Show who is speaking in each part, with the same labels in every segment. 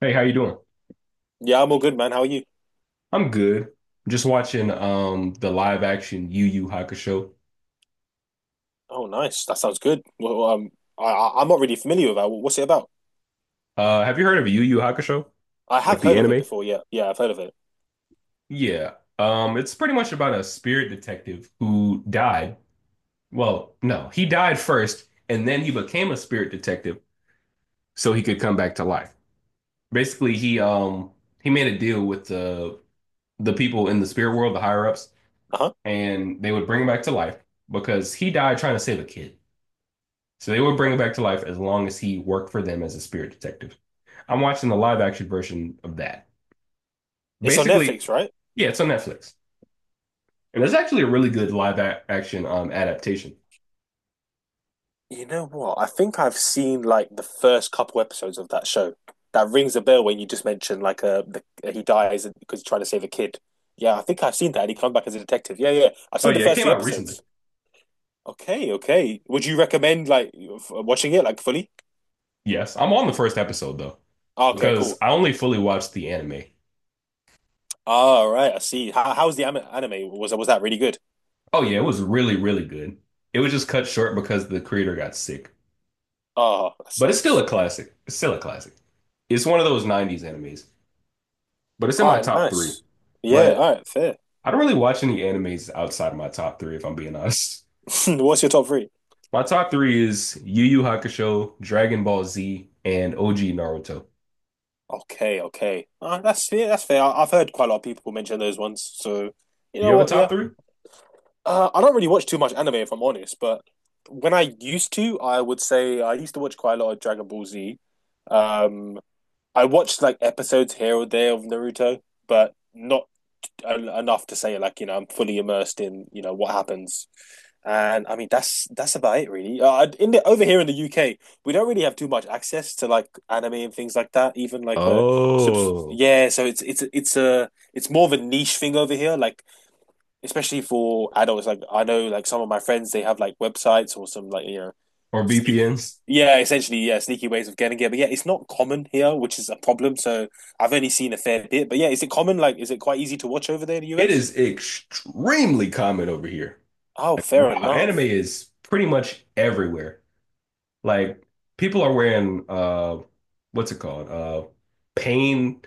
Speaker 1: Hey, how you doing?
Speaker 2: Yeah, I'm all good, man. How are you?
Speaker 1: I'm good. I'm just watching the live action Yu Yu Hakusho.
Speaker 2: Oh, nice. That sounds good. Well, I'm not really familiar with that. What's it about?
Speaker 1: Have you heard of Yu Yu Hakusho?
Speaker 2: I
Speaker 1: Like
Speaker 2: have
Speaker 1: the
Speaker 2: heard of it
Speaker 1: anime?
Speaker 2: before. Yeah, yeah, I've heard of it.
Speaker 1: Yeah. It's pretty much about a spirit detective who died. Well, no, he died first, and then he became a spirit detective so he could come back to life. Basically, he he made a deal with the people in the spirit world, the higher ups,
Speaker 2: Uh-huh.
Speaker 1: and they would bring him back to life because he died trying to save a kid. So they would bring him back to life as long as he worked for them as a spirit detective. I'm watching the live action version of that.
Speaker 2: It's on
Speaker 1: Basically,
Speaker 2: Netflix, right?
Speaker 1: yeah, it's on Netflix. And there's actually a really good live action adaptation.
Speaker 2: You know what? I think I've seen like the first couple episodes of that show. That rings a bell when you just mentioned like the, he dies because he's trying to save a kid. Yeah, I think I've seen that. And he comes back as a detective. Yeah, yeah. I've
Speaker 1: Oh,
Speaker 2: seen the
Speaker 1: yeah, it
Speaker 2: first
Speaker 1: came
Speaker 2: few
Speaker 1: out recently.
Speaker 2: episodes. Okay, okay. Would you recommend like watching it like fully?
Speaker 1: Yes, I'm on the first episode though,
Speaker 2: Ah, okay,
Speaker 1: because
Speaker 2: cool.
Speaker 1: I only fully watched the anime.
Speaker 2: All right, I see. How, how's the anime? Was that really good?
Speaker 1: Oh, yeah, it was really, really good. It was just cut short because the creator got sick.
Speaker 2: Oh, that
Speaker 1: But it's still
Speaker 2: sucks.
Speaker 1: a classic. It's still a classic. It's one of those 90s animes, but it's in
Speaker 2: All
Speaker 1: my
Speaker 2: right,
Speaker 1: top three.
Speaker 2: nice. Yeah,
Speaker 1: But
Speaker 2: all right, fair.
Speaker 1: I don't really watch any animes outside of my top three, if I'm being honest.
Speaker 2: What's your top three?
Speaker 1: My top three is Yu Yu Hakusho, Dragon Ball Z, and OG Naruto.
Speaker 2: Okay, okay. That's fair. That's fair. I've heard quite a lot of people mention those ones. So, you
Speaker 1: Do you
Speaker 2: know
Speaker 1: have a
Speaker 2: what?
Speaker 1: top
Speaker 2: Yeah.
Speaker 1: three?
Speaker 2: I don't really watch too much anime, if I'm honest. But when I used to, I would say I used to watch quite a lot of Dragon Ball Z. Um, I watched like episodes here or there of Naruto, but not enough to say like you know I'm fully immersed in you know what happens. And I mean that's about it really. In the Over here in the UK, we don't really have too much access to like anime and things like that. Even like a
Speaker 1: Oh,
Speaker 2: yeah, so it's more of a niche thing over here. Like especially for adults. Like I know, like some of my friends, they have like websites or some like you know,
Speaker 1: or
Speaker 2: sneak.
Speaker 1: VPNs?
Speaker 2: Yeah, essentially, yeah, sneaky ways of getting it. But yeah, it's not common here, which is a problem. So I've only seen a fair bit. But yeah, is it common? Like, is it quite easy to watch over there in the
Speaker 1: It
Speaker 2: US?
Speaker 1: is extremely common over here.
Speaker 2: Oh,
Speaker 1: Like,
Speaker 2: fair
Speaker 1: wow, anime
Speaker 2: enough.
Speaker 1: is pretty much everywhere. Like people are wearing what's it called? Pain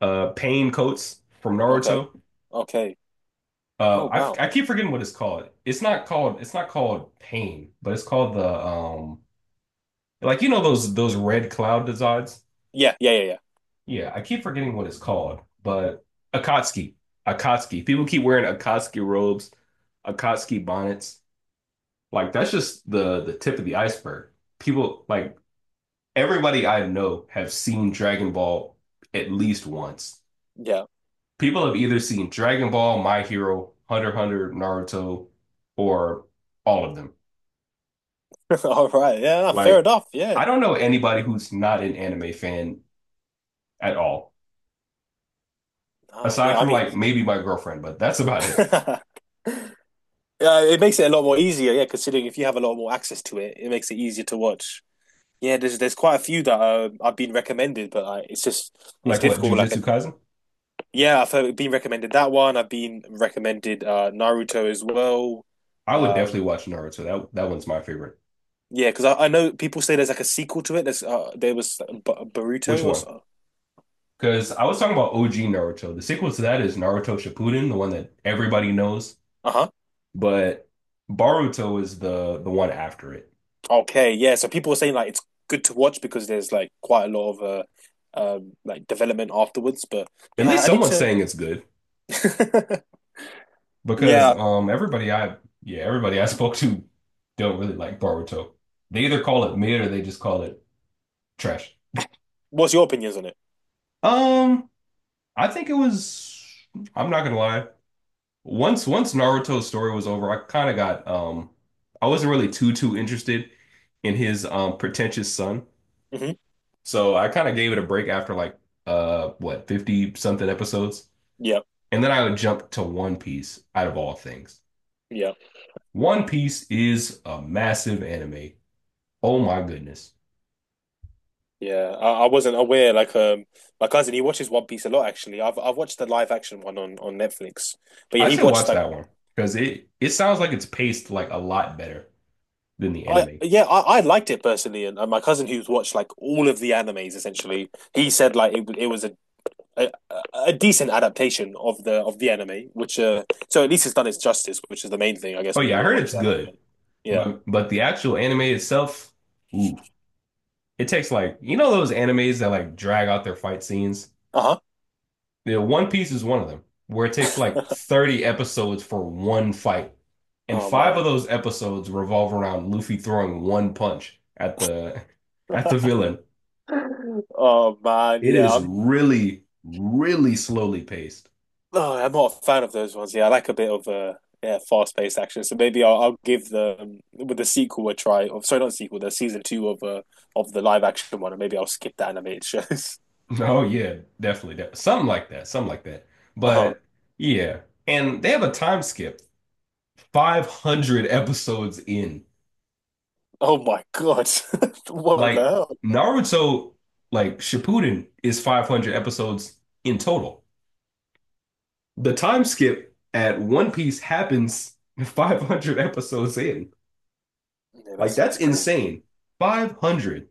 Speaker 1: pain coats from
Speaker 2: Okay,
Speaker 1: Naruto.
Speaker 2: okay. Oh wow.
Speaker 1: I keep forgetting what it's called. It's not called it's not called pain, but it's called the like you know those red cloud designs.
Speaker 2: Yeah, yeah, yeah,
Speaker 1: Yeah, I keep forgetting what it's called, but Akatsuki, Akatsuki. People keep wearing Akatsuki robes, Akatsuki bonnets. Like that's just the tip of the iceberg. People like everybody I know have seen Dragon Ball at least once.
Speaker 2: yeah,
Speaker 1: People have either seen Dragon Ball, My Hero, Hunter x Hunter, Naruto, or all of them.
Speaker 2: yeah. All right. Yeah, no, fair
Speaker 1: Like,
Speaker 2: enough. Yeah.
Speaker 1: I don't know anybody who's not an anime fan at all,
Speaker 2: Ah,
Speaker 1: aside
Speaker 2: yeah. I
Speaker 1: from
Speaker 2: mean,
Speaker 1: like maybe my girlfriend, but that's about it.
Speaker 2: yeah, it makes it a lot more easier. Yeah, considering if you have a lot more access to it, it makes it easier to watch. Yeah, there's quite a few that I've been recommended, but like, it's just it's
Speaker 1: Like, what,
Speaker 2: difficult. Like,
Speaker 1: Jujutsu Kaisen?
Speaker 2: yeah, I've heard, been recommended that one. I've been recommended Naruto as well.
Speaker 1: I would definitely
Speaker 2: Um,
Speaker 1: watch Naruto. That one's my favorite.
Speaker 2: yeah, because I know people say there's like a sequel to it. There's there was B
Speaker 1: Which
Speaker 2: Boruto or
Speaker 1: one?
Speaker 2: so.
Speaker 1: Because I was talking about OG Naruto. The sequel to that is Naruto Shippuden, the one that everybody knows,
Speaker 2: Uh-huh.
Speaker 1: but Boruto is the one after it.
Speaker 2: Okay, yeah. So people are saying like it's good to watch because there's like quite a lot of like development afterwards. But
Speaker 1: At
Speaker 2: yeah,
Speaker 1: least
Speaker 2: I need
Speaker 1: someone's
Speaker 2: to.
Speaker 1: saying it's good because
Speaker 2: Yeah,
Speaker 1: everybody I spoke to don't really like Boruto. They either call it mid or they just call it trash.
Speaker 2: what's your opinions on it?
Speaker 1: Um, I think it was, I'm not gonna lie. Once Naruto's story was over, I kind of got. I wasn't really too interested in his pretentious son.
Speaker 2: Hmm.
Speaker 1: So I kind of gave it a break after like what 50 something episodes.
Speaker 2: Yeah,
Speaker 1: And then I would jump to One Piece out of all things.
Speaker 2: yeah.
Speaker 1: One Piece is a massive anime. Oh my goodness.
Speaker 2: Yeah, I wasn't aware. Like, my cousin he watches One Piece a lot. Actually, I've watched the live action one on Netflix. But yeah,
Speaker 1: I
Speaker 2: he
Speaker 1: should
Speaker 2: watched
Speaker 1: watch
Speaker 2: like
Speaker 1: that one because it sounds like it's paced like a lot better than the
Speaker 2: I
Speaker 1: anime.
Speaker 2: yeah I liked it personally, and my cousin who's watched like all of the animes essentially, he said like it was a a, a decent adaptation of the anime, which so at least it's done its justice, which is the main thing I guess
Speaker 1: Oh
Speaker 2: when you
Speaker 1: yeah, I
Speaker 2: want to
Speaker 1: heard
Speaker 2: watch
Speaker 1: it's
Speaker 2: an
Speaker 1: good.
Speaker 2: anime. Yeah.
Speaker 1: But the actual anime itself, ooh, it takes like you know those animes that like drag out their fight scenes?
Speaker 2: Uh huh.
Speaker 1: Yeah, One Piece is one of them, where it takes like 30 episodes for one fight. And
Speaker 2: Oh
Speaker 1: five
Speaker 2: man.
Speaker 1: of those episodes revolve around Luffy throwing one punch at the at the villain.
Speaker 2: Oh man.
Speaker 1: It is
Speaker 2: Yeah.
Speaker 1: really, really slowly paced.
Speaker 2: No, I'm not a fan of those ones. Yeah, I like a bit of yeah, fast-paced action. So maybe I'll give the with the sequel a try. Or sorry, not sequel, the season two of the live action one, and maybe I'll skip the animated shows.
Speaker 1: Oh yeah, definitely. De something like that. Something like that.
Speaker 2: Uh-huh.
Speaker 1: But yeah. And they have a time skip, 500 episodes in.
Speaker 2: Oh my God, what the
Speaker 1: Like
Speaker 2: hell?
Speaker 1: Naruto, like Shippuden is 500 episodes in total. The time skip at One Piece happens 500 episodes in.
Speaker 2: Yeah,
Speaker 1: Like
Speaker 2: that's
Speaker 1: that's
Speaker 2: that's crazy.
Speaker 1: insane. 500.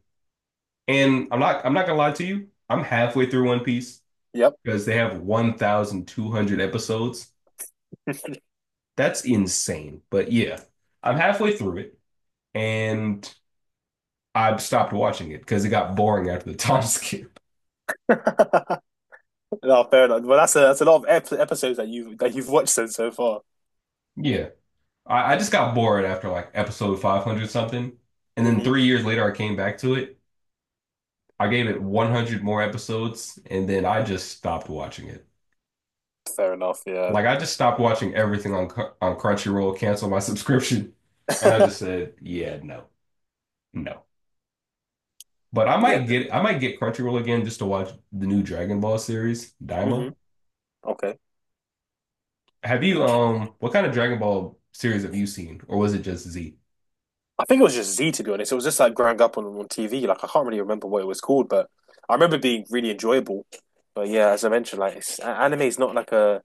Speaker 1: And I'm not gonna lie to you. I'm halfway through One Piece
Speaker 2: Yep.
Speaker 1: because they have 1,200 episodes. That's insane. But yeah, I'm halfway through it and I've stopped watching it because it got boring after the time skip.
Speaker 2: No, fair enough. Well, that's a lot of ep episodes that you that you've watched so so far.
Speaker 1: Yeah. I just got bored after like episode 500 something. And then
Speaker 2: Hmm.
Speaker 1: 3 years later, I came back to it. I gave it 100 more episodes, and then I just stopped watching it.
Speaker 2: Fair enough. Yeah.
Speaker 1: Like, I just stopped watching everything on Crunchyroll, canceled my subscription, and I just said, yeah, no, no. But I
Speaker 2: Yeah.
Speaker 1: might get I might get Crunchyroll again just to watch the new Dragon Ball series, Daima.
Speaker 2: Hmm. Okay.
Speaker 1: Have you what kind of Dragon Ball series have you seen? Or was it just Z?
Speaker 2: I think it was just Z to be honest. It was just like growing up on TV. Like I can't really remember what it was called, but I remember it being really enjoyable. But yeah, as I mentioned, like it's, anime is not like a.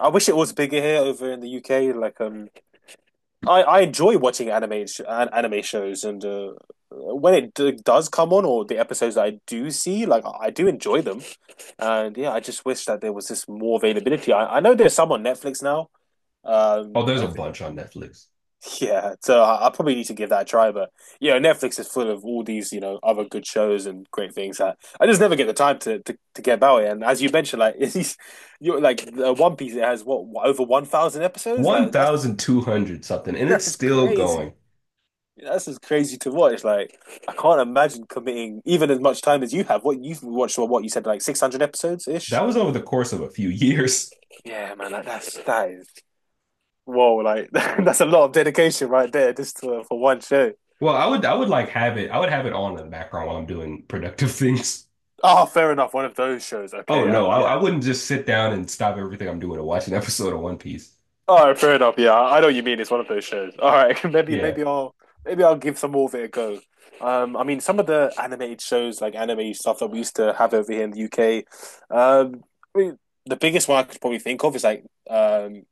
Speaker 2: I wish it was bigger here over in the UK. Like I enjoy watching anime shows, and when it does come on or the episodes that I do see, like I do enjoy them. And yeah, I just wish that there was just more availability. I know there's some on Netflix now.
Speaker 1: Oh, there's a
Speaker 2: Over.
Speaker 1: bunch on Netflix.
Speaker 2: Yeah, so I probably need to give that a try. But yeah, Netflix is full of all these, you know, other good shows and great things that I just never get the time to to get about it. And as you mentioned, like it's, you're like One Piece, it has what over 1,000 episodes. Like that's
Speaker 1: 1,200 something, and it's
Speaker 2: that's
Speaker 1: still
Speaker 2: crazy.
Speaker 1: going.
Speaker 2: That's just crazy to watch. Like I can't imagine committing even as much time as you have. What you've watched, or what you said, like 600 episodes
Speaker 1: That
Speaker 2: ish.
Speaker 1: was over the course of a few years.
Speaker 2: Yeah, man, like, that's that is whoa. Like that's a lot of dedication right there, just to, for one show.
Speaker 1: Well, I would have it on in the background while I'm doing productive things.
Speaker 2: Oh, fair enough. One of those shows. Okay,
Speaker 1: Oh
Speaker 2: yeah,
Speaker 1: no, I,
Speaker 2: yeah.
Speaker 1: I wouldn't just sit down and stop everything I'm doing to watch an episode of One Piece.
Speaker 2: All right, fair enough. Yeah, I know what you mean. It's one of those shows. All right, maybe
Speaker 1: Yeah.
Speaker 2: maybe I'll give some more of it a go. I mean, some of the animated shows, like anime stuff that we used to have over here in the UK. Um, I mean, the biggest one I could probably think of is like um,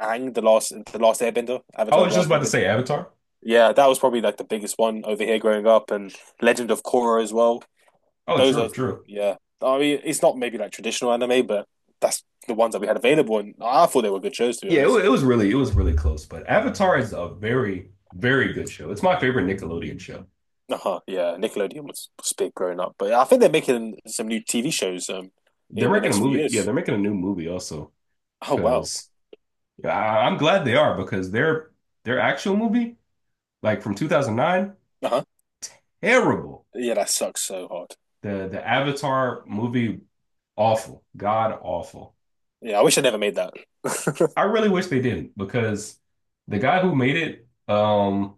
Speaker 2: Aang, the last Airbender,
Speaker 1: I
Speaker 2: Avatar,
Speaker 1: was
Speaker 2: the
Speaker 1: just
Speaker 2: last
Speaker 1: about to
Speaker 2: Airbender.
Speaker 1: say Avatar.
Speaker 2: Yeah, that was probably like the biggest one over here growing up, and Legend of Korra as well.
Speaker 1: Oh,
Speaker 2: Those
Speaker 1: true,
Speaker 2: are
Speaker 1: true.
Speaker 2: yeah. I mean, it's not maybe like traditional anime, but that's the ones that we had available, and I thought they were good shows to be
Speaker 1: Yeah, it, wa-
Speaker 2: honest.
Speaker 1: it was really it was really close, but Avatar is a very good show. It's my favorite Nickelodeon show.
Speaker 2: Uh-huh, yeah, Nickelodeon was big growing up, but I think they're making some new TV shows
Speaker 1: They're
Speaker 2: in the
Speaker 1: making a
Speaker 2: next few
Speaker 1: movie. Yeah,
Speaker 2: years.
Speaker 1: they're making a new movie also
Speaker 2: Oh wow,
Speaker 1: because I'm glad they are because their actual movie like from 2009
Speaker 2: uh-huh.
Speaker 1: terrible.
Speaker 2: Yeah, that sucks so hard.
Speaker 1: The Avatar movie awful, god awful.
Speaker 2: Yeah, I wish I never made that.
Speaker 1: I really wish they didn't because the guy who made it,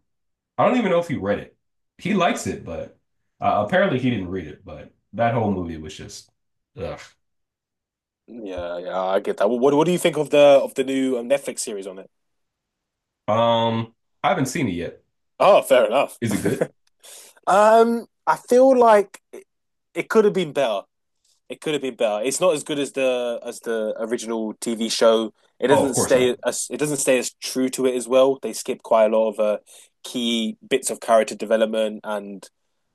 Speaker 1: I don't even know if he read it. He likes it, but apparently he didn't read it. But that whole movie was just, ugh.
Speaker 2: Yeah, yeah, I get that. What do you think of the new Netflix series on it?
Speaker 1: Um, I haven't seen it yet.
Speaker 2: Oh, fair enough.
Speaker 1: Is it good?
Speaker 2: I feel like it could have been better. It could have been better. It's not as good as the original TV show. It
Speaker 1: Oh, of
Speaker 2: doesn't
Speaker 1: course
Speaker 2: stay
Speaker 1: not.
Speaker 2: as it doesn't stay as true to it as well. They skip quite a lot of key bits of character development and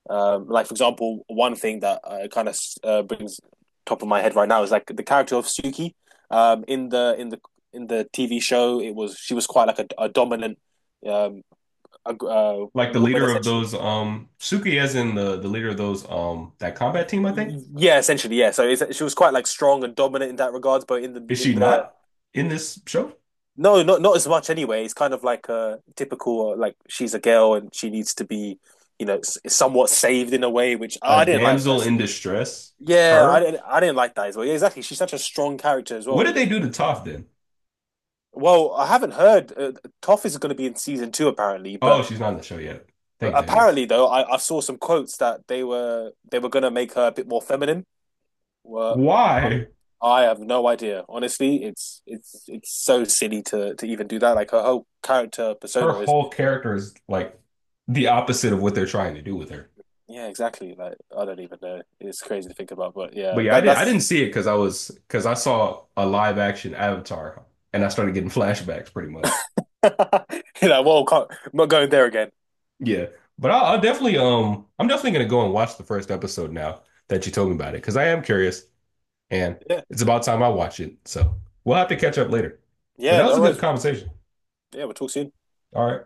Speaker 2: like for example, one thing that kind of brings top of my head right now is like the character of Suki in the in the in the TV show. It was she was quite like a dominant um,
Speaker 1: Like the
Speaker 2: woman
Speaker 1: leader of
Speaker 2: essentially.
Speaker 1: those, Suki, as in the leader of those, that combat team. I think
Speaker 2: Yeah, essentially, yeah. So it's, she was quite like strong and dominant in that regards, but
Speaker 1: is
Speaker 2: in
Speaker 1: she
Speaker 2: the
Speaker 1: not in this show?
Speaker 2: No, not not as much anyway. It's kind of like a typical like she's a girl and she needs to be, you know, somewhat saved in a way, which
Speaker 1: A
Speaker 2: I didn't like
Speaker 1: damsel in
Speaker 2: personally.
Speaker 1: distress.
Speaker 2: Yeah,
Speaker 1: Her.
Speaker 2: I didn't like that as well. Yeah, exactly. She's such a strong character as well
Speaker 1: What
Speaker 2: in
Speaker 1: did they
Speaker 2: the in
Speaker 1: do to
Speaker 2: the.
Speaker 1: Toph then?
Speaker 2: Well, I haven't heard. Toph is going to be in season two apparently,
Speaker 1: Oh,
Speaker 2: but
Speaker 1: she's not in the show yet. Thank goodness.
Speaker 2: apparently though, I saw some quotes that they were going to make her a bit more feminine. Well, I'm
Speaker 1: Why?
Speaker 2: I have no idea. Honestly, it's so silly to even do that. Like her whole character
Speaker 1: Her
Speaker 2: persona is
Speaker 1: whole character is like the opposite of what they're trying to do with her.
Speaker 2: Yeah, exactly. Like I don't even know. It's crazy to think about, but
Speaker 1: But
Speaker 2: yeah,
Speaker 1: yeah, I
Speaker 2: that
Speaker 1: did. I didn't
Speaker 2: that's
Speaker 1: see it because I was because I saw a live action Avatar and I started getting flashbacks pretty much.
Speaker 2: you know, well, can't, I'm not going there again.
Speaker 1: Yeah, but I'll definitely I'm definitely gonna go and watch the first episode now that you told me about it because I am curious and
Speaker 2: Yeah,
Speaker 1: it's about time I watch it. So we'll have to catch up later. But
Speaker 2: yeah,
Speaker 1: that was
Speaker 2: no
Speaker 1: a good
Speaker 2: worries.
Speaker 1: conversation.
Speaker 2: Yeah, we'll talk soon.
Speaker 1: All right.